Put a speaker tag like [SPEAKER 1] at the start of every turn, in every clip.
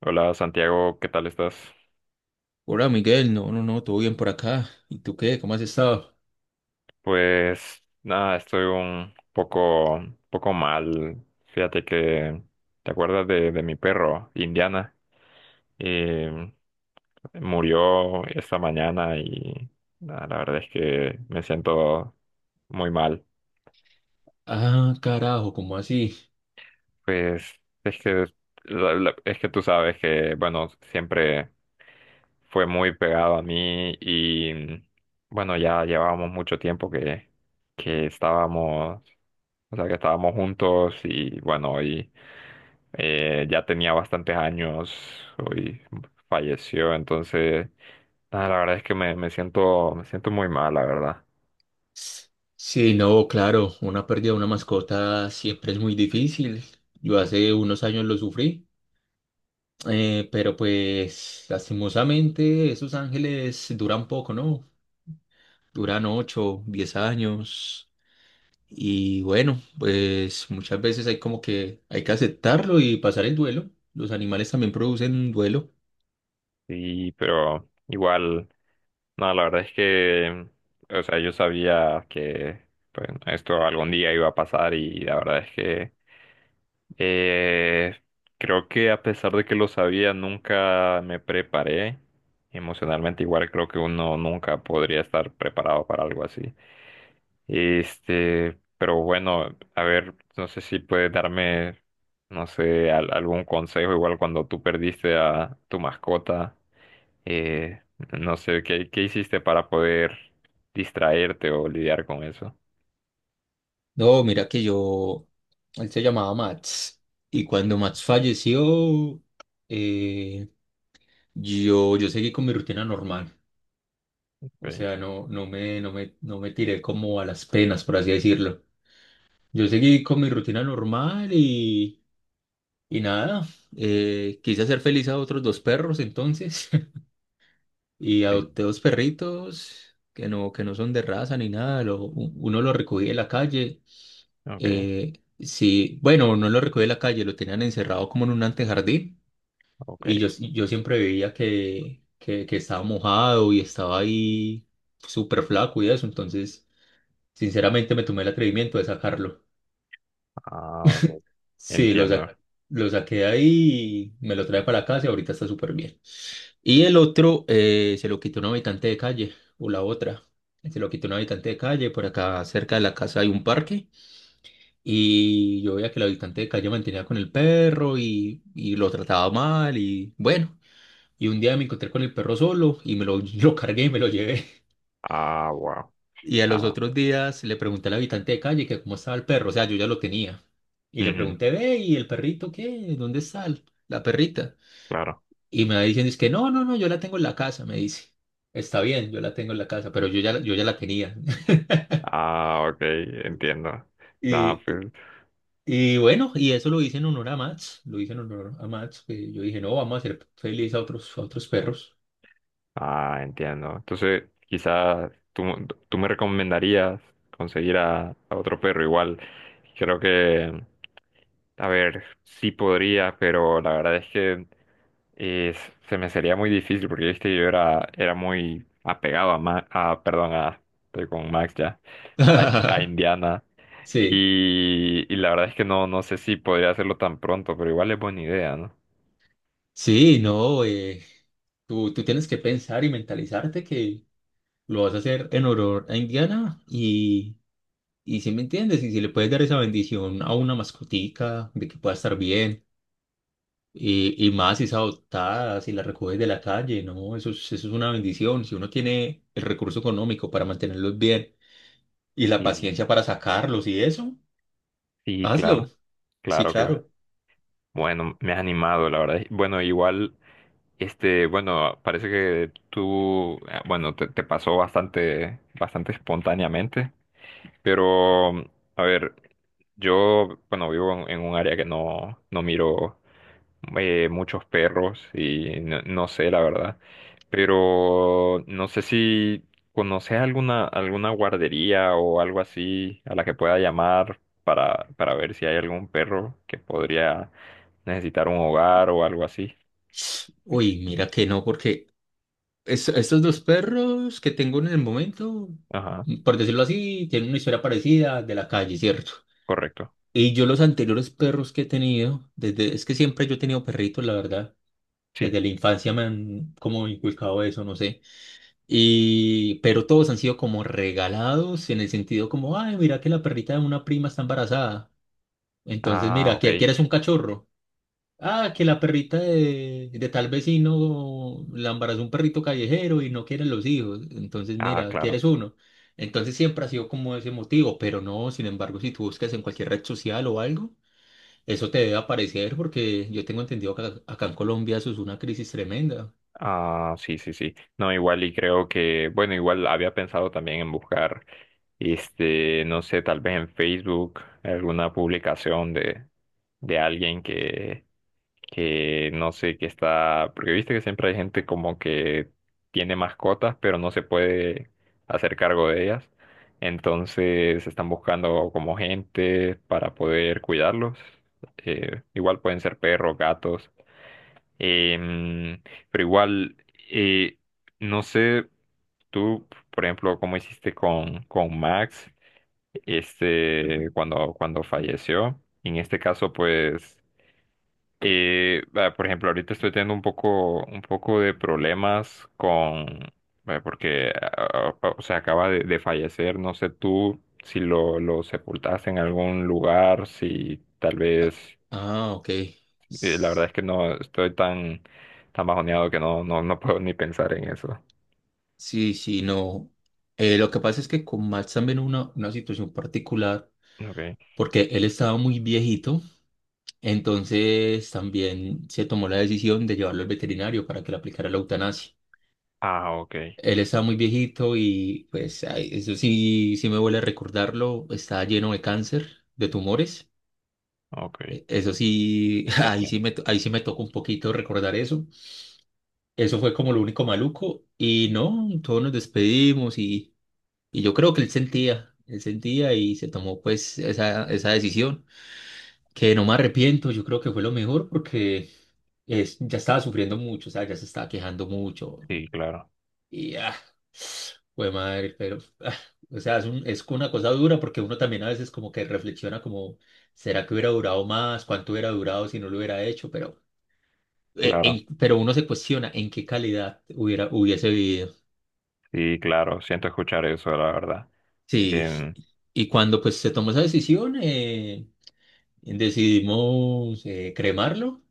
[SPEAKER 1] Hola Santiago, ¿qué tal estás?
[SPEAKER 2] Hola Miguel, no, no, no, todo bien por acá. ¿Y tú qué? ¿Cómo has estado?
[SPEAKER 1] Pues nada, estoy un poco, poco mal. Fíjate que te acuerdas de mi perro, Indiana. Eh, Murió esta mañana y nada, la verdad es que me siento muy mal.
[SPEAKER 2] Ah, carajo, ¿cómo así?
[SPEAKER 1] Pues es que, es que tú sabes que, bueno, siempre fue muy pegado a mí y, bueno, ya llevábamos mucho tiempo que estábamos, o sea, que estábamos juntos y, bueno, hoy ya tenía bastantes años, hoy falleció, entonces, nada, la verdad es que me siento muy mal, la verdad.
[SPEAKER 2] Sí, no, claro, una pérdida de una mascota siempre es muy difícil. Yo hace unos años lo sufrí, pero pues lastimosamente esos ángeles duran poco, ¿no? Duran 8, 10 años. Y bueno, pues muchas veces hay como que hay que aceptarlo y pasar el duelo. Los animales también producen duelo.
[SPEAKER 1] Sí, pero igual, no, la verdad es que, o sea, yo sabía que pues, esto algún día iba a pasar y la verdad es que eh, creo que a pesar de que lo sabía, nunca me preparé emocionalmente. Igual creo que uno nunca podría estar preparado para algo así. Este, pero bueno, a ver, no sé si puedes darme no sé, algún consejo, igual cuando tú perdiste a tu mascota, eh, no sé, ¿qué hiciste para poder distraerte o lidiar con eso?
[SPEAKER 2] No, mira que yo, él se llamaba Mats y cuando Mats falleció, eh, yo seguí con mi rutina normal. O
[SPEAKER 1] Okay.
[SPEAKER 2] sea, no me tiré como a las penas, por así decirlo. Yo seguí con mi rutina normal y nada, quise hacer feliz a otros 2 perros entonces y
[SPEAKER 1] Sí.
[SPEAKER 2] adopté 2 perritos que no son de raza ni nada. Uno lo recogí de la calle.
[SPEAKER 1] Ok,
[SPEAKER 2] Eh, sí, bueno, no lo recogí de la calle, lo tenían encerrado como en un antejardín
[SPEAKER 1] ok.
[SPEAKER 2] y yo siempre veía que estaba mojado y estaba ahí súper flaco y eso, entonces sinceramente me tomé el atrevimiento de sacarlo.
[SPEAKER 1] Ah, ok.
[SPEAKER 2] Sí,
[SPEAKER 1] Entiendo.
[SPEAKER 2] lo saqué de ahí y me lo trae para la casa y ahorita está súper bien. Y el otro se lo quitó un habitante de calle o la otra, se lo quitó un habitante de calle, por acá cerca de la casa hay un parque. Y yo veía que el habitante de calle mantenía con el perro y lo trataba mal y bueno, y un día me encontré con el perro solo y lo cargué y me lo llevé.
[SPEAKER 1] Ah, wow.
[SPEAKER 2] Y a los
[SPEAKER 1] Ah,
[SPEAKER 2] otros días le pregunté al habitante de calle que cómo estaba el perro, o sea, yo ya lo tenía. Y le
[SPEAKER 1] ujú,
[SPEAKER 2] pregunté, ve, ¿y el perrito qué? ¿Dónde está la perrita?
[SPEAKER 1] claro.
[SPEAKER 2] Y me va diciendo, es que no, no, no, yo la tengo en la casa, me dice. Está bien, yo la tengo en la casa, pero yo ya, yo ya la tenía.
[SPEAKER 1] Ah, ok, entiendo. Nada,
[SPEAKER 2] Y,
[SPEAKER 1] pues,
[SPEAKER 2] y bueno, y eso lo hice en honor a Mats, lo hice en honor a Mats, que yo dije, no, vamos a hacer feliz a otros perros.
[SPEAKER 1] ah, entiendo. Entonces, tú me recomendarías conseguir a otro perro igual. Creo que a ver, sí podría, pero la verdad es que eh, se me sería muy difícil porque viste era muy apegado a, perdón, a, estoy con Max ya, a, Indiana.
[SPEAKER 2] Sí,
[SPEAKER 1] Y la verdad es que no, no sé si podría hacerlo tan pronto, pero igual es buena idea, ¿no?
[SPEAKER 2] sí, no, tú tienes que pensar y mentalizarte que lo vas a hacer en honor a Indiana y si me entiendes, y si le puedes dar esa bendición a una mascotica de que pueda estar bien y más si es adoptada, si la recoges de la calle, no, eso es una bendición, si uno tiene el recurso económico para mantenerlos bien y la
[SPEAKER 1] Sí,
[SPEAKER 2] paciencia para sacarlos y eso,
[SPEAKER 1] sí, claro,
[SPEAKER 2] hazlo. Sí,
[SPEAKER 1] claro, claro.
[SPEAKER 2] claro.
[SPEAKER 1] Bueno, me has animado, la verdad. Bueno, igual, este, bueno, parece que tú, bueno, te pasó bastante, bastante espontáneamente. Pero, mm, a ver, yo, bueno, vivo en un área que no, no miro muchos perros y no, no sé, la verdad. Pero no sé si conoces alguna guardería o algo así a la que pueda llamar para ver si hay algún perro que podría necesitar un hogar o algo así.
[SPEAKER 2] Uy, mira que no, porque estos 2 perros que tengo en el momento,
[SPEAKER 1] Ajá,
[SPEAKER 2] por decirlo así, tienen una historia parecida de la calle, ¿cierto?
[SPEAKER 1] correcto.
[SPEAKER 2] Y yo los anteriores perros que he tenido, desde, es que siempre yo he tenido perritos, la verdad.
[SPEAKER 1] Sí.
[SPEAKER 2] Desde la infancia me han como inculcado eso, no sé. Y, pero todos han sido como regalados en el sentido como, ay, mira que la perrita de una prima está embarazada. Entonces,
[SPEAKER 1] Ah,
[SPEAKER 2] mira,
[SPEAKER 1] ok.
[SPEAKER 2] ¿quieres un cachorro? Ah, que la perrita de tal vecino la embarazó un perrito callejero y no quieren los hijos. Entonces,
[SPEAKER 1] Ah,
[SPEAKER 2] mira,
[SPEAKER 1] claro.
[SPEAKER 2] quieres uno. Entonces siempre ha sido como ese motivo, pero no, sin embargo, si tú buscas en cualquier red social o algo, eso te debe aparecer porque yo tengo entendido que acá en Colombia eso es una crisis tremenda.
[SPEAKER 1] Ah, sí, sí, sí. No, igual y creo que, bueno, igual había pensado también en buscar, este, no sé, tal vez en Facebook alguna publicación de alguien que no sé, que está, porque viste que siempre hay gente como que tiene mascotas, pero no se puede hacer cargo de ellas. Entonces están buscando como gente para poder cuidarlos. Igual pueden ser perros, gatos. Em, pero igual, eh, no sé, tú, por ejemplo, cómo hiciste con Max, este, cuando falleció. En este caso, pues, por ejemplo, ahorita estoy teniendo un poco de problemas con, porque, o sea, acaba de fallecer. No sé tú si lo sepultaste en algún lugar, si tal
[SPEAKER 2] Ah,
[SPEAKER 1] vez
[SPEAKER 2] ah, ok.
[SPEAKER 1] y la verdad
[SPEAKER 2] S-
[SPEAKER 1] es que no estoy tan, tan bajoneado que no puedo ni pensar en eso.
[SPEAKER 2] Sí, sí, no. Lo que pasa es que con Max también una situación particular,
[SPEAKER 1] Okay.
[SPEAKER 2] porque él estaba muy viejito. Entonces también se tomó la decisión de llevarlo al veterinario para que le aplicara la eutanasia.
[SPEAKER 1] Ah, okay.
[SPEAKER 2] Él estaba muy viejito y pues ay, eso sí, sí me huele a recordarlo, estaba lleno de cáncer, de tumores.
[SPEAKER 1] Okay.
[SPEAKER 2] Eso sí,
[SPEAKER 1] Lo siento.
[SPEAKER 2] ahí sí me tocó un poquito recordar eso. Eso fue como lo único maluco y no, todos nos despedimos y yo creo que él sentía y se tomó pues esa decisión. Que no me arrepiento, yo creo que fue lo mejor porque ya estaba sufriendo mucho, o sea, ya se estaba quejando mucho.
[SPEAKER 1] Sí, claro.
[SPEAKER 2] Y ah, fue madre, pero ah, o sea, es una cosa dura porque uno también a veces como que reflexiona como, ¿será que hubiera durado más? ¿Cuánto hubiera durado si no lo hubiera hecho? Pero,
[SPEAKER 1] Claro.
[SPEAKER 2] pero uno se cuestiona en qué calidad hubiese vivido.
[SPEAKER 1] Sí, claro. Siento escuchar eso, la verdad.
[SPEAKER 2] Sí,
[SPEAKER 1] Em,
[SPEAKER 2] y cuando pues se tomó esa decisión, decidimos cremarlo.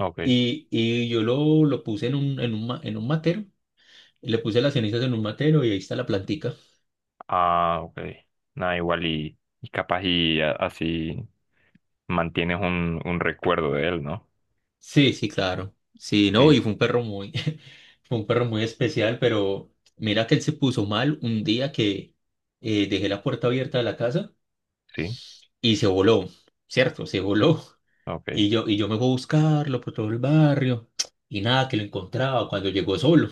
[SPEAKER 1] okay.
[SPEAKER 2] Y, lo puse en un, en un, en un matero, le puse las cenizas en un matero y ahí está la plantica.
[SPEAKER 1] Ah, okay. Nada, igual y capaz y así mantienes un recuerdo de él, ¿no?
[SPEAKER 2] Sí, sí, claro. Sí, no, y
[SPEAKER 1] Sí,
[SPEAKER 2] fue un perro muy, fue un perro muy especial, pero mira que él se puso mal un día que dejé la puerta abierta de la casa
[SPEAKER 1] sí.
[SPEAKER 2] y se voló, ¿cierto? Se voló.
[SPEAKER 1] Okay.
[SPEAKER 2] Y yo me fui a buscarlo por todo el barrio y nada, que lo encontraba cuando llegó solo.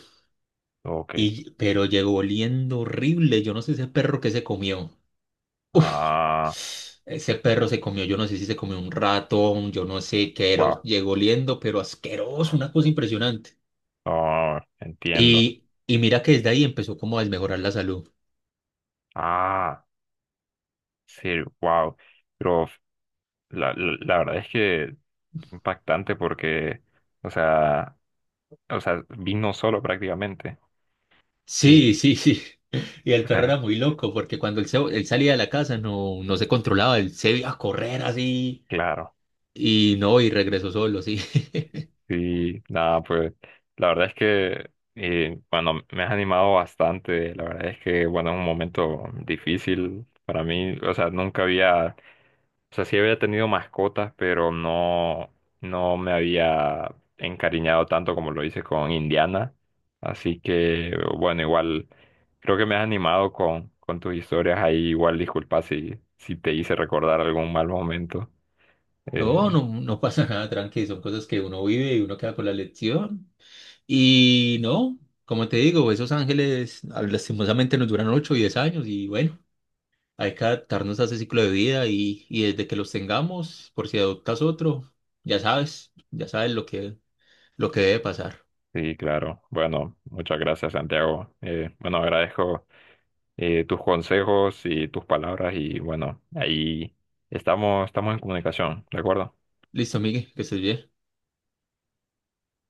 [SPEAKER 1] Okay.
[SPEAKER 2] Y, pero llegó oliendo horrible, yo no sé ese perro que se comió.
[SPEAKER 1] Ah,
[SPEAKER 2] Ese perro se comió, yo no sé si se comió un ratón, yo no sé qué era,
[SPEAKER 1] wow.
[SPEAKER 2] llegó oliendo, pero asqueroso, una cosa impresionante.
[SPEAKER 1] Oh, entiendo.
[SPEAKER 2] Y mira que desde ahí empezó como a desmejorar la salud.
[SPEAKER 1] Ah, sí, wow. La verdad es que impactante porque, o sea, o sea, vino solo prácticamente. Y,
[SPEAKER 2] Sí, sí, sí. Y el
[SPEAKER 1] o
[SPEAKER 2] perro
[SPEAKER 1] sea,
[SPEAKER 2] era muy loco porque cuando él, él salía de la casa no, no se controlaba, él se iba a correr así
[SPEAKER 1] claro.
[SPEAKER 2] y no, y regresó solo, sí.
[SPEAKER 1] Sí, nada, pues la verdad es que, bueno, me has animado bastante. La verdad es que, bueno, es un momento difícil para mí. O sea, nunca había, o sea, sí había tenido mascotas, pero no, no me había encariñado tanto como lo hice con Indiana. Así que, bueno, igual, creo que me has animado con tus historias ahí. Igual, disculpa si, si te hice recordar algún mal momento. Eh,
[SPEAKER 2] No, no, no pasa nada, tranqui, son cosas que uno vive y uno queda con la lección. Y no, como te digo, esos ángeles ah, lastimosamente nos duran 8 o 10 años y bueno, hay que adaptarnos a ese ciclo de vida y desde que los tengamos, por si adoptas otro, ya sabes lo que debe pasar.
[SPEAKER 1] Sí, claro. Bueno, muchas gracias, Santiago. Bueno, agradezco tus consejos y tus palabras y bueno, ahí estamos, estamos en comunicación, ¿de acuerdo?
[SPEAKER 2] Listo, Miguel, que estés bien.